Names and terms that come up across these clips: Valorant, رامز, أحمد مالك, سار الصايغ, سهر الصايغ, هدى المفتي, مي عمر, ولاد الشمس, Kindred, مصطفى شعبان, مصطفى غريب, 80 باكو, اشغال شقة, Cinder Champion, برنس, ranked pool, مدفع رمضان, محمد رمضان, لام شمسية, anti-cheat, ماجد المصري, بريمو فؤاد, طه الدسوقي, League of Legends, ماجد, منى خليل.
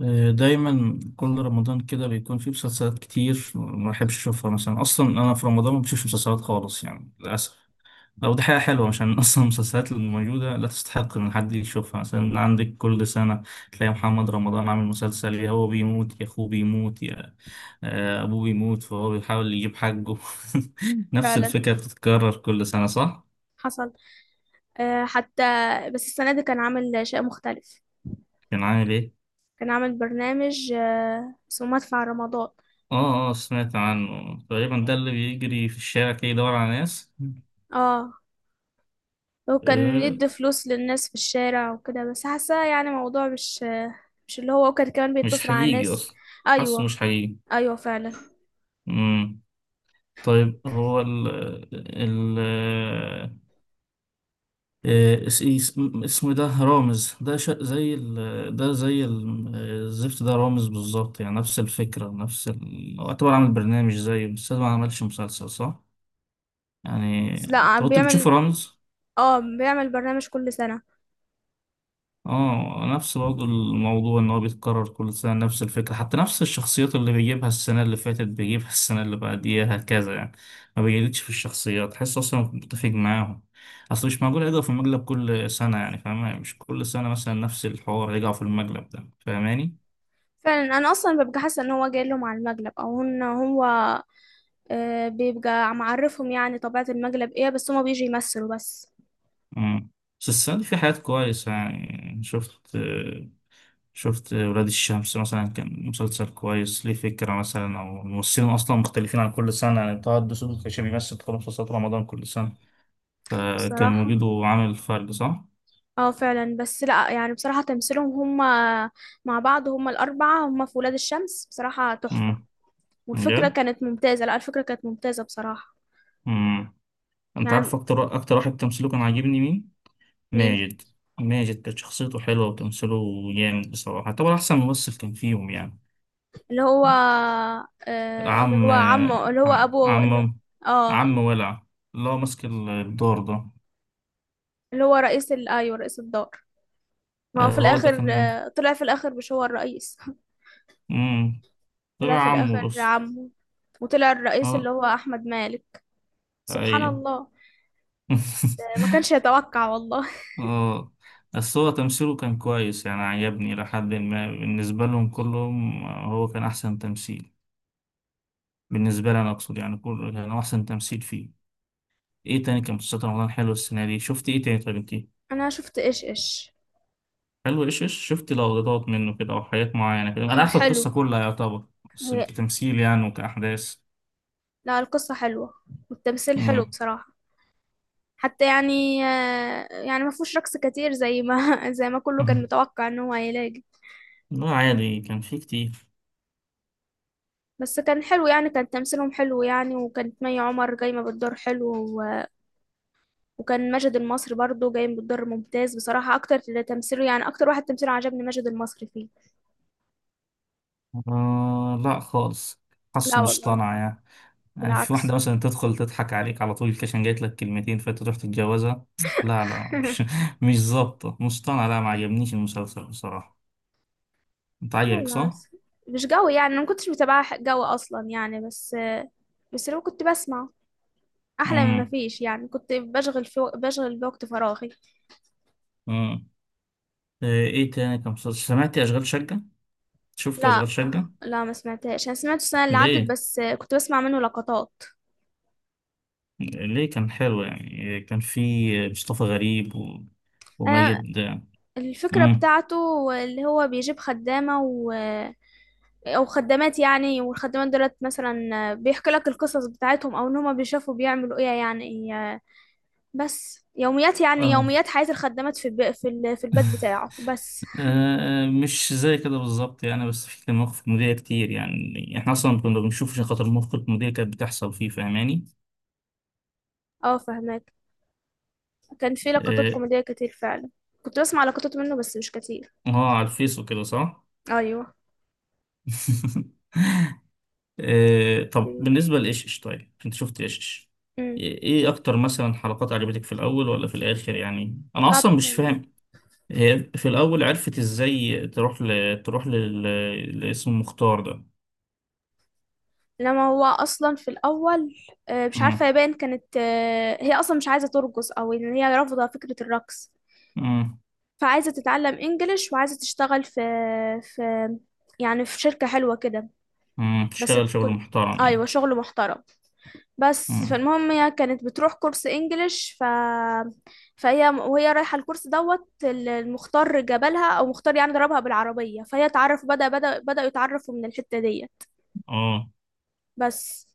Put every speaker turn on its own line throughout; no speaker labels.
آه، دايما كل رمضان كده بيكون فيه مسلسلات كتير ما بحبش اشوفها مثلا. اصلا انا في رمضان ما بشوفش مسلسلات خالص يعني للاسف. او دي حاجه حلوه عشان اصلا المسلسلات اللي موجوده لا تستحق ان حد يشوفها. مثلا عندك كل سنه تلاقي محمد رمضان عامل مسلسل، يا هو بيموت يا اخوه بيموت يا ابوه بيموت، فهو بيحاول يجيب حقه. نفس
فعلا،
الفكره بتتكرر كل سنه، صح؟
حصل. حتى بس السنة دي كان عامل شيء مختلف.
كان عامل ايه؟
كان عامل برنامج اسمه مدفع رمضان.
اه اه، سمعت عنه تقريبا، ده اللي بيجري في الشارع كده يدور على ناس.
اه، وكان
آه،
يدي فلوس للناس في الشارع وكده، بس حاسة يعني موضوع مش مش اللي هو. وكان كمان
مش
بيتصل على
حقيقي
ناس.
أصلا. حاسه مش
ايوه،
حقيقي.
ايوه فعلا.
مم. طيب هو ال ال آه، اس- إيه، اس- اسمه ده رامز، ده زي ال، ده زي الزفت ده، رامز بالظبط يعني، نفس الفكرة نفس هو اعتبر عامل برنامج زيه، بس ده ما عملش مسلسل صح؟ يعني،
بس لا،
انت
عم
كنت بتشوف
بيعمل.
رامز؟
اه بيعمل برنامج كل سنة.
اه نفس برضه الموضوع، ان هو بيتكرر كل سنة، نفس الفكرة، حتى نفس الشخصيات اللي بيجيبها السنة اللي فاتت بيجيبها السنة اللي بعديها، هكذا يعني. ما بيجددش في الشخصيات، تحس اصلا متفق معاهم. اصل مش معقول يرجعوا في المقلب كل سنة، يعني فاهمة، مش كل سنة مثلا نفس الحوار يرجعوا في المقلب ده، فاهماني؟
فعلا، انا اصلا ببقى حاسة ان هو جاي لهم على المقلب او ان هو بيبقى معرفهم، يعني طبيعة المقلب ايه، بس هما بيجي يمثلوا بس.
مم. بس السنة دي في حاجات كويسة يعني. شفت ولاد الشمس مثلا، كان مسلسل كويس. ليه فكرة مثلا، أو الممثلين أصلا مختلفين عن كل سنة يعني. طه الدسوقي كان بيمثل في مسلسلات رمضان كل سنة، فكان
بصراحة
وجوده عامل فرق صح؟
اه فعلا، بس لا يعني، بصراحة تمثيلهم هم مع بعض، هم الأربعة هم في ولاد الشمس بصراحة تحفة.
امم.
والفكرة
بجد؟
كانت ممتازة. لا، الفكرة كانت ممتازة بصراحة.
امم. أنت
يعني
عارف أكتر واحد تمثيله كان عاجبني مين؟
مين؟
ماجد. ماجد كانت شخصيته حلوة وتمثيله جامد بصراحة، طبعا أحسن ممثل كان فيهم يعني.
اللي هو اللي
عم
هو عمه، اللي هو أبوه، اللي
عم
اه
عم ولع، اللي هو ماسك الدور ده.
اللي هو رئيس أيوه رئيس الدار. ما هو في
هو ده
الآخر
كان
طلع في الآخر مش هو الرئيس.
ده
طلع
طلع
في الآخر
عمه بس.
عمه، وطلع الرئيس اللي
اه
هو أحمد مالك. سبحان
ايوه.
الله. ما كانش يتوقع والله.
اه. بس هو تمثيله كان كويس يعني، عجبني لحد ما، بالنسبة لهم كلهم هو كان أحسن تمثيل، بالنسبة لي أنا أقصد يعني. كله كان هو أحسن تمثيل فيه. إيه تاني كان مسلسلات رمضان حلو السنة دي؟ شفت إيه تاني؟ طب إنتي
أنا شفت إيش إيش.
حلو إيش إيش، شفت لقطات منه كده أو حاجات معينة كده؟ أنا عارف القصة
حلو.
كلها يعتبر، بس كتمثيل يعني وكأحداث.
لا، القصة حلوة والتمثيل حلو
مم.
بصراحة. حتى يعني يعني ما فيهوش رقص كتير زي ما زي ما كله كان
مم.
متوقع ان هو هيلاقي.
لا عادي كان فيه كتير.
بس كان حلو يعني، كان تمثيلهم حلو يعني، وكانت مي عمر جايمة بالدور حلو، و- وكان ماجد المصري برضو جاي بالدور ممتاز بصراحة. أكتر اللي تمثيله يعني أكتر واحد تمثيله عجبني ماجد المصري فيه.
آه لا خالص،
لا
حاسه
والله،
مصطنع يعني. يعني مش واحدة
بالعكس.
مثلا تدخل تضحك عليك على طول عشان جايت لك كلمتين فانت تروح تتجوزها. لا مش مش ظابطة، مصطنع، لا ما عجبنيش المسلسل بصراحة. انت عجبك
يلا
صح؟
بس. مش قوي يعني، أنا ما كنتش متابعة قوي أصلا يعني، بس بس لو كنت بسمع أحلى من ما
امم.
فيش، يعني كنت بشغل في بشغل بوقت فراغي.
امم. ايه إيه تاني كان مسلسل؟ سمعت اشغال شقة؟ شفت
لا
اشغال شقة؟
لا، ما سمعتهاش. انا سمعته السنه اللي عدت،
ليه؟
بس كنت بسمع منه لقطات.
ليه كان حلو يعني، كان في مصطفى غريب
انا
وماجد.
الفكره
امم.
بتاعته اللي هو بيجيب خدامه، و... او خدامات يعني، والخدامات دولت مثلا بيحكي لك القصص بتاعتهم، او ان هما بيشوفوا بيعملوا ايه يعني. بس يوميات يعني،
اه.
يوميات حياه الخدامات في البيت بتاعه بس.
مش زي كده بالظبط يعني، بس في كان مواقف كوميدية كتير، يعني احنا اصلا كنا بنشوف عشان خاطر المواقف الكوميدية كانت بتحصل فيه، فاهماني.
اه فهماك، كان في لقطات
اه.
كوميديه كتير فعلا. كنت بسمع لقطات منه بس مش كتير.
على الفيس وكده، صح.
ايوه.
طب بالنسبة لإيشش، طيب انت شفت إيشش؟
امم
ايه إيه اكتر مثلا حلقات عجبتك، في الاول ولا في الاخر؟ يعني انا
لا،
اصلا مش فاهم هي في الاول عرفت ازاي تروح تروح لاسم مختار ده.
انما هو اصلا في الاول مش عارفه
امم.
يبان، كانت هي اصلا مش عايزه ترقص او ان هي رافضه فكره الرقص.
امم.
فعايزه تتعلم انجليش وعايزه تشتغل في في يعني في شركه حلوه كده،
أمم،
بس
تشتغل شغل
تكون،
محترم
ايوه
يعني.
شغل محترم. بس
امم.
فالمهم هي كانت بتروح كورس انجليش فهي وهي رايحه الكورس دوت، المختار جابلها او مختار يعني ضربها بالعربيه، فهي تعرف بداوا يتعرفوا من الحته دي.
اه.
بس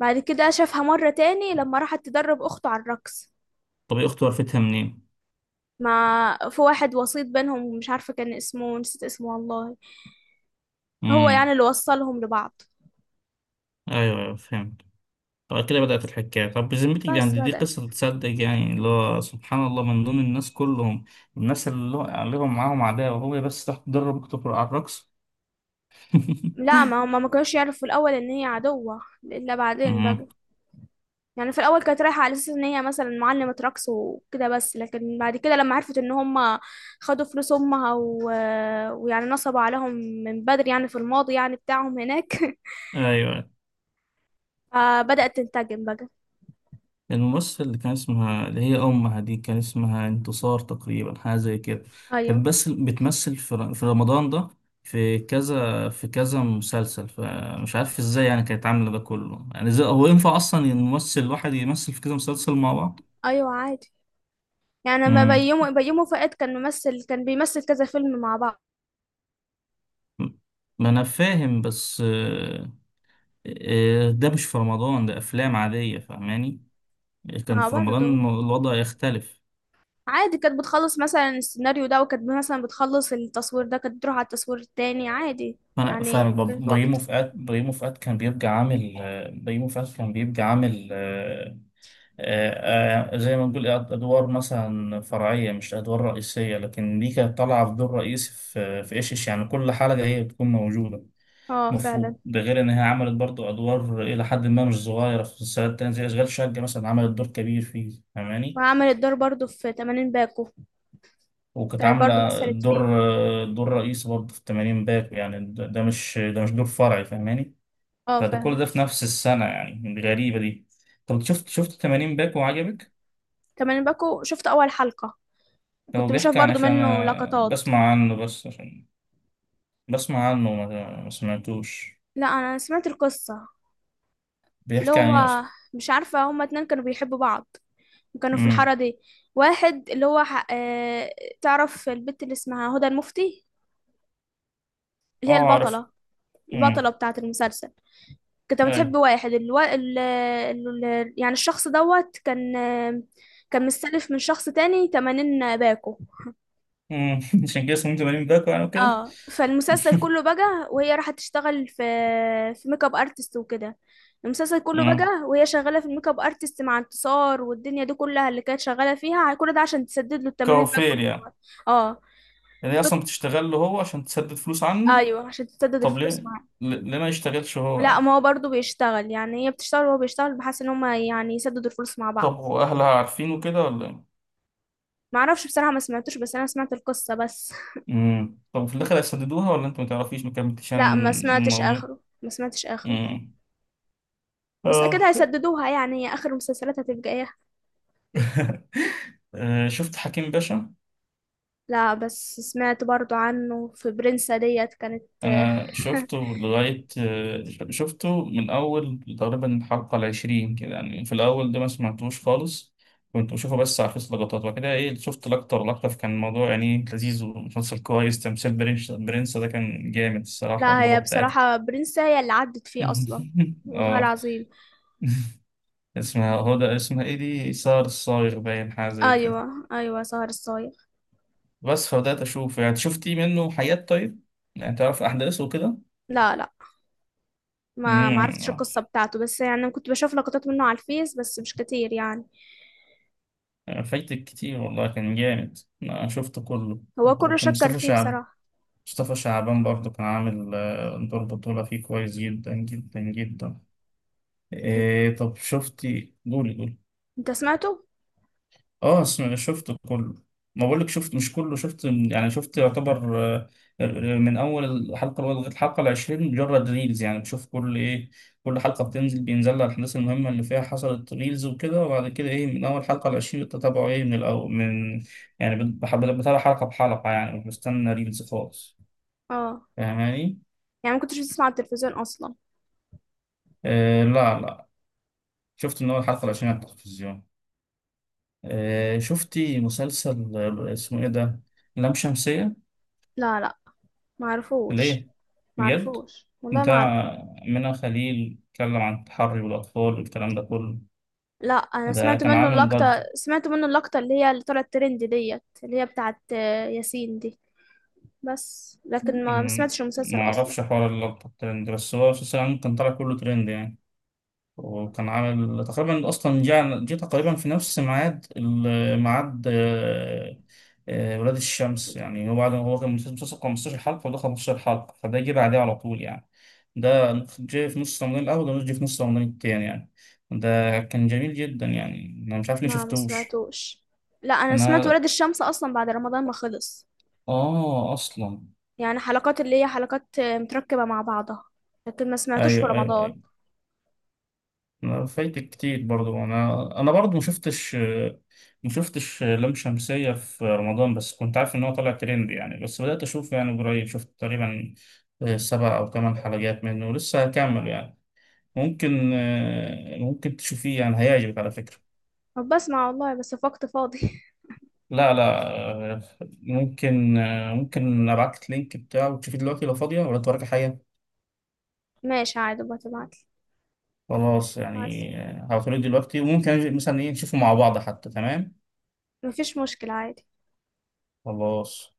بعد كده شافها مرة تاني لما راحت تدرب أخته على الرقص.
طب يا أختي عرفتها منين؟
ما في واحد وسيط بينهم، مش عارفة كان اسمه، نسيت اسمه والله. هو يعني
امم.
اللي وصلهم لبعض.
أيوه أيوه فهمت. طب كده بدأت الحكاية. طب بذمتك دي
بس
يعني، دي
بدأت
قصة تصدق يعني، اللي هو سبحان الله من دون الناس كلهم، الناس اللي هو عليهم معاهم عداوة هو بس تحت تدرب على الرقص.
لا، ما هما ما كانوش يعرفوا في الأول إن هي عدوة إلا بعدين بقى.
امم.
يعني في الأول كانت رايحة على أساس إن هي مثلا معلمة رقص وكده، بس لكن بعد كده لما عرفت إن هما خدوا فلوس أمها، و... ويعني نصبوا عليهم من بدري، يعني في الماضي يعني بتاعهم هناك.
أيوه.
فبدأت تنتقم بقى.
الممثل اللي كان اسمها اللي هي أمها دي، كان اسمها انتصار تقريبا، حاجة زي كده.
أيوه
كانت بس بتمثل في في رمضان ده في كذا في كذا مسلسل، فمش عارف ازاي يعني كانت عاملة ده كله، يعني ازاي هو ينفع أصلا الممثل الواحد يمثل في كذا مسلسل مع بعض؟
أيوه عادي، يعني ما
مم.
بيومي فؤاد كان ممثل، كان بيمثل كذا فيلم مع بعض.
ما أنا فاهم بس، ده مش في رمضان، ده أفلام عادية، فاهماني؟ كان
مع
في رمضان
برضه
الوضع يختلف.
عادي، كانت بتخلص مثلا السيناريو ده، وكانت مثلا بتخلص التصوير ده، كانت بتروح على التصوير التاني عادي
انا فاهمك
يعني، كان
برضه.
في وقت.
بريمو فؤاد كان بيبقى عامل، زي ما نقول ادوار مثلا فرعيه، مش ادوار رئيسيه، لكن دي كانت طالعه في دور رئيسي في في ايش إيش. يعني كل حلقه هي بتكون موجوده.
اه فعلا،
المفروض ده، غير ان هي عملت برضو ادوار الى حد ما مش صغيره في مسلسلات تانية، زي اشغال شقه مثلا عملت دور كبير فيه، فاهماني.
وعملت دور برضه في 80 باكو،
وكانت
كانت
عامله
برضه مثلت
دور،
فيه.
دور رئيسي برضه في 80 باكو، يعني ده مش دور فرعي، فاهماني.
اه
فده كل
فاهم.
ده في نفس السنة يعني، الغريبة دي. طب شفت 80 باك وعجبك؟
80 باكو شفت اول حلقة،
هو
كنت بشوف
بيحكي عن إيه؟
برضه
عشان
منه
أنا
لقطات.
بسمع عنه، بس عشان بسمع عنه ما سمعتوش.
لا انا سمعت القصة، اللي
بيحكي عن إيه
هو
أصلا؟
مش عارفة، هما اتنين كانوا بيحبوا بعض وكانوا في الحارة
امم.
دي. واحد اللي هو تعرف البت اللي اسمها هدى المفتي،
أه
اللي هي
أعرف.
البطلة،
امم.
البطلة بتاعة المسلسل. كنت
أي.
بتحب واحد الو... ال... ال... ال... يعني الشخص دوت كان كان مستلف من شخص تاني، 80 باكو.
امم. عشان كده اسمه 80 باك يعني وكده.
اه فالمسلسل كله بقى وهي راحت تشتغل في ميك اب ارتست وكده. المسلسل كله بقى
امم.
وهي شغاله في الميك اب ارتست مع انتصار والدنيا دي كلها اللي كانت شغاله فيها، كل ده عشان تسدد له التمارين بقى
كوافير
كلها.
يعني.
اه
يعني هي أصلا بتشتغل له هو عشان تسدد فلوس عنه.
ايوه، عشان تسدد
طب ليه؟
الفلوس معاه.
ليه ما يشتغلش هو
لا،
يعني؟
ما هو برضه بيشتغل يعني، هي بتشتغل وهو بيشتغل، بحيث ان هما يعني يسددوا الفلوس مع بعض.
طب وأهلها عارفين وكده ولا إيه؟
ما اعرفش بصراحه، ما سمعتوش، بس انا سمعت القصه بس.
امم. طب في الاخر هيسددوها ولا انت ما تعرفيش ما كملتيش عن
لا ما سمعتش
الموضوع؟
اخره، ما سمعتش اخره.
امم.
بس اكيد
اه.
هيسددوها، يعني هي اخر المسلسلات هتبقى ايه.
شفت حكيم باشا؟
لا بس سمعت برضو عنه في برنسا ديت كانت.
انا شفته لغايه، شفته من اول تقريبا الحلقه العشرين كده يعني، في الاول ده ما سمعتوش خالص، كنت بشوفه بس على فيس لقطات. وبعد كده ايه، شفت لقطه ولا لقطه، فكان الموضوع يعني لذيذ ومسلسل كويس تمثيل. برنس، برنس ده كان جامد الصراحه
لا
اللغه
هي
بتاعته.
بصراحة برنسا هي اللي عدت فيه أصلا، والله
اه.
العظيم.
اسمها هدى، اسمها ايه دي، سار الصايغ باين، حاجه زي كده.
أيوة أيوة، سهر الصايغ.
بس فبدأت أشوف يعني، شفتي منه حاجات طيب؟ يعني تعرف أحداثه وكده.
لا لا، ما عرفتش
مم.
القصة بتاعته، بس يعني كنت بشوف لقطات منه على الفيس بس مش كتير يعني.
فايتك كتير والله كان جامد، أنا شفته كله.
هو كله
وكان
شكر
مصطفى
فيه
شعب،
بصراحة.
مصطفى شعبان برضه كان عامل، دور بطولة فيه كويس جدا جدا جدا.
أن-
إيه طب شفتي؟ قولي قولي.
انت سمعته؟
اه اسمع، شفته كله. ما بقولك شفت، مش كله، شفت يعني شفت يعتبر، آه، من اول الحلقه الاولى لغايه الحلقه العشرين مجرد ريلز، يعني بشوف كل ايه، كل حلقه بتنزل بينزل لها الاحداث المهمه اللي فيها حصلت ريلز وكده. وبعد كده ايه، من اول حلقه العشرين بتتابعه ايه من الاول من، يعني بتابع حلقه بحلقه، يعني مش بستنى ريلز خالص،
اه.
فاهماني.
يعني ما كنتش بتسمع على التلفزيون أصلا.
لا، شفت من اول حلقه العشرين على التلفزيون. آه، شفتي مسلسل اسمه ايه ده، لام شمسية؟
لا لا، ما عرفوش،
ليه؟
ما
بجد؟
عرفوش والله ما.
بتاع منى خليل، اتكلم عن التحري بالأطفال والكلام ده كله.
لا، انا
ده
سمعت
كان
منه
عامل ضجة.
اللقطة، سمعت منه اللقطة اللي هي طلعت ترند ديت، اللي هي بتاعت ياسين دي. بس لكن ما
أمم،
سمعتش المسلسل اصلا.
معرفش حوار اللقطة الترند، بس هو أساسا كان طالع كله ترند يعني. وكان عامل تقريبا اصلا جينا جيت تقريبا في نفس ميعاد ميعاد، ولاد الشمس، يعني هو بعد، هو كان مسلسل 15 حلقة وده 15 حلقة، فده جه بعديه على طول يعني. ده جه في نص رمضان الأول وده جه في نص رمضان التاني يعني. ده كان جميل جدا يعني، أنا مش عارف ليه
ما
شفتوش.
سمعتوش. لا انا سمعت
أنا
ولاد الشمس اصلا بعد رمضان ما خلص،
آه أصلا.
يعني حلقات اللي هي حلقات متركبة مع بعضها، لكن ما سمعتوش في
أيوه
رمضان.
أيوه. أنا فايتك كتير برضو. انا برضو ما شفتش، ما شفتش لام شمسية في رمضان، بس كنت عارف ان هو طالع ترند يعني. بس بدأت اشوف يعني قريب، شفت تقريبا 7 او 8 حلقات منه ولسه هكمل يعني. ممكن ممكن تشوفيه يعني هيعجبك على فكرة.
طب بسمع والله بس في وقت فاضي.
لا لا آه، ممكن ممكن ابعت لك اللينك بتاعه وتشوفيه دلوقتي لو فاضية ولا وراك حاجة.
ماشي عادي بتبعتلي.
خلاص
بعتلي
يعني. هبعتهولك دلوقتي، وممكن أجي مثلا ايه نشوفه مع بعض حتى، تمام.
مفيش مشكلة عادي.
خلاص.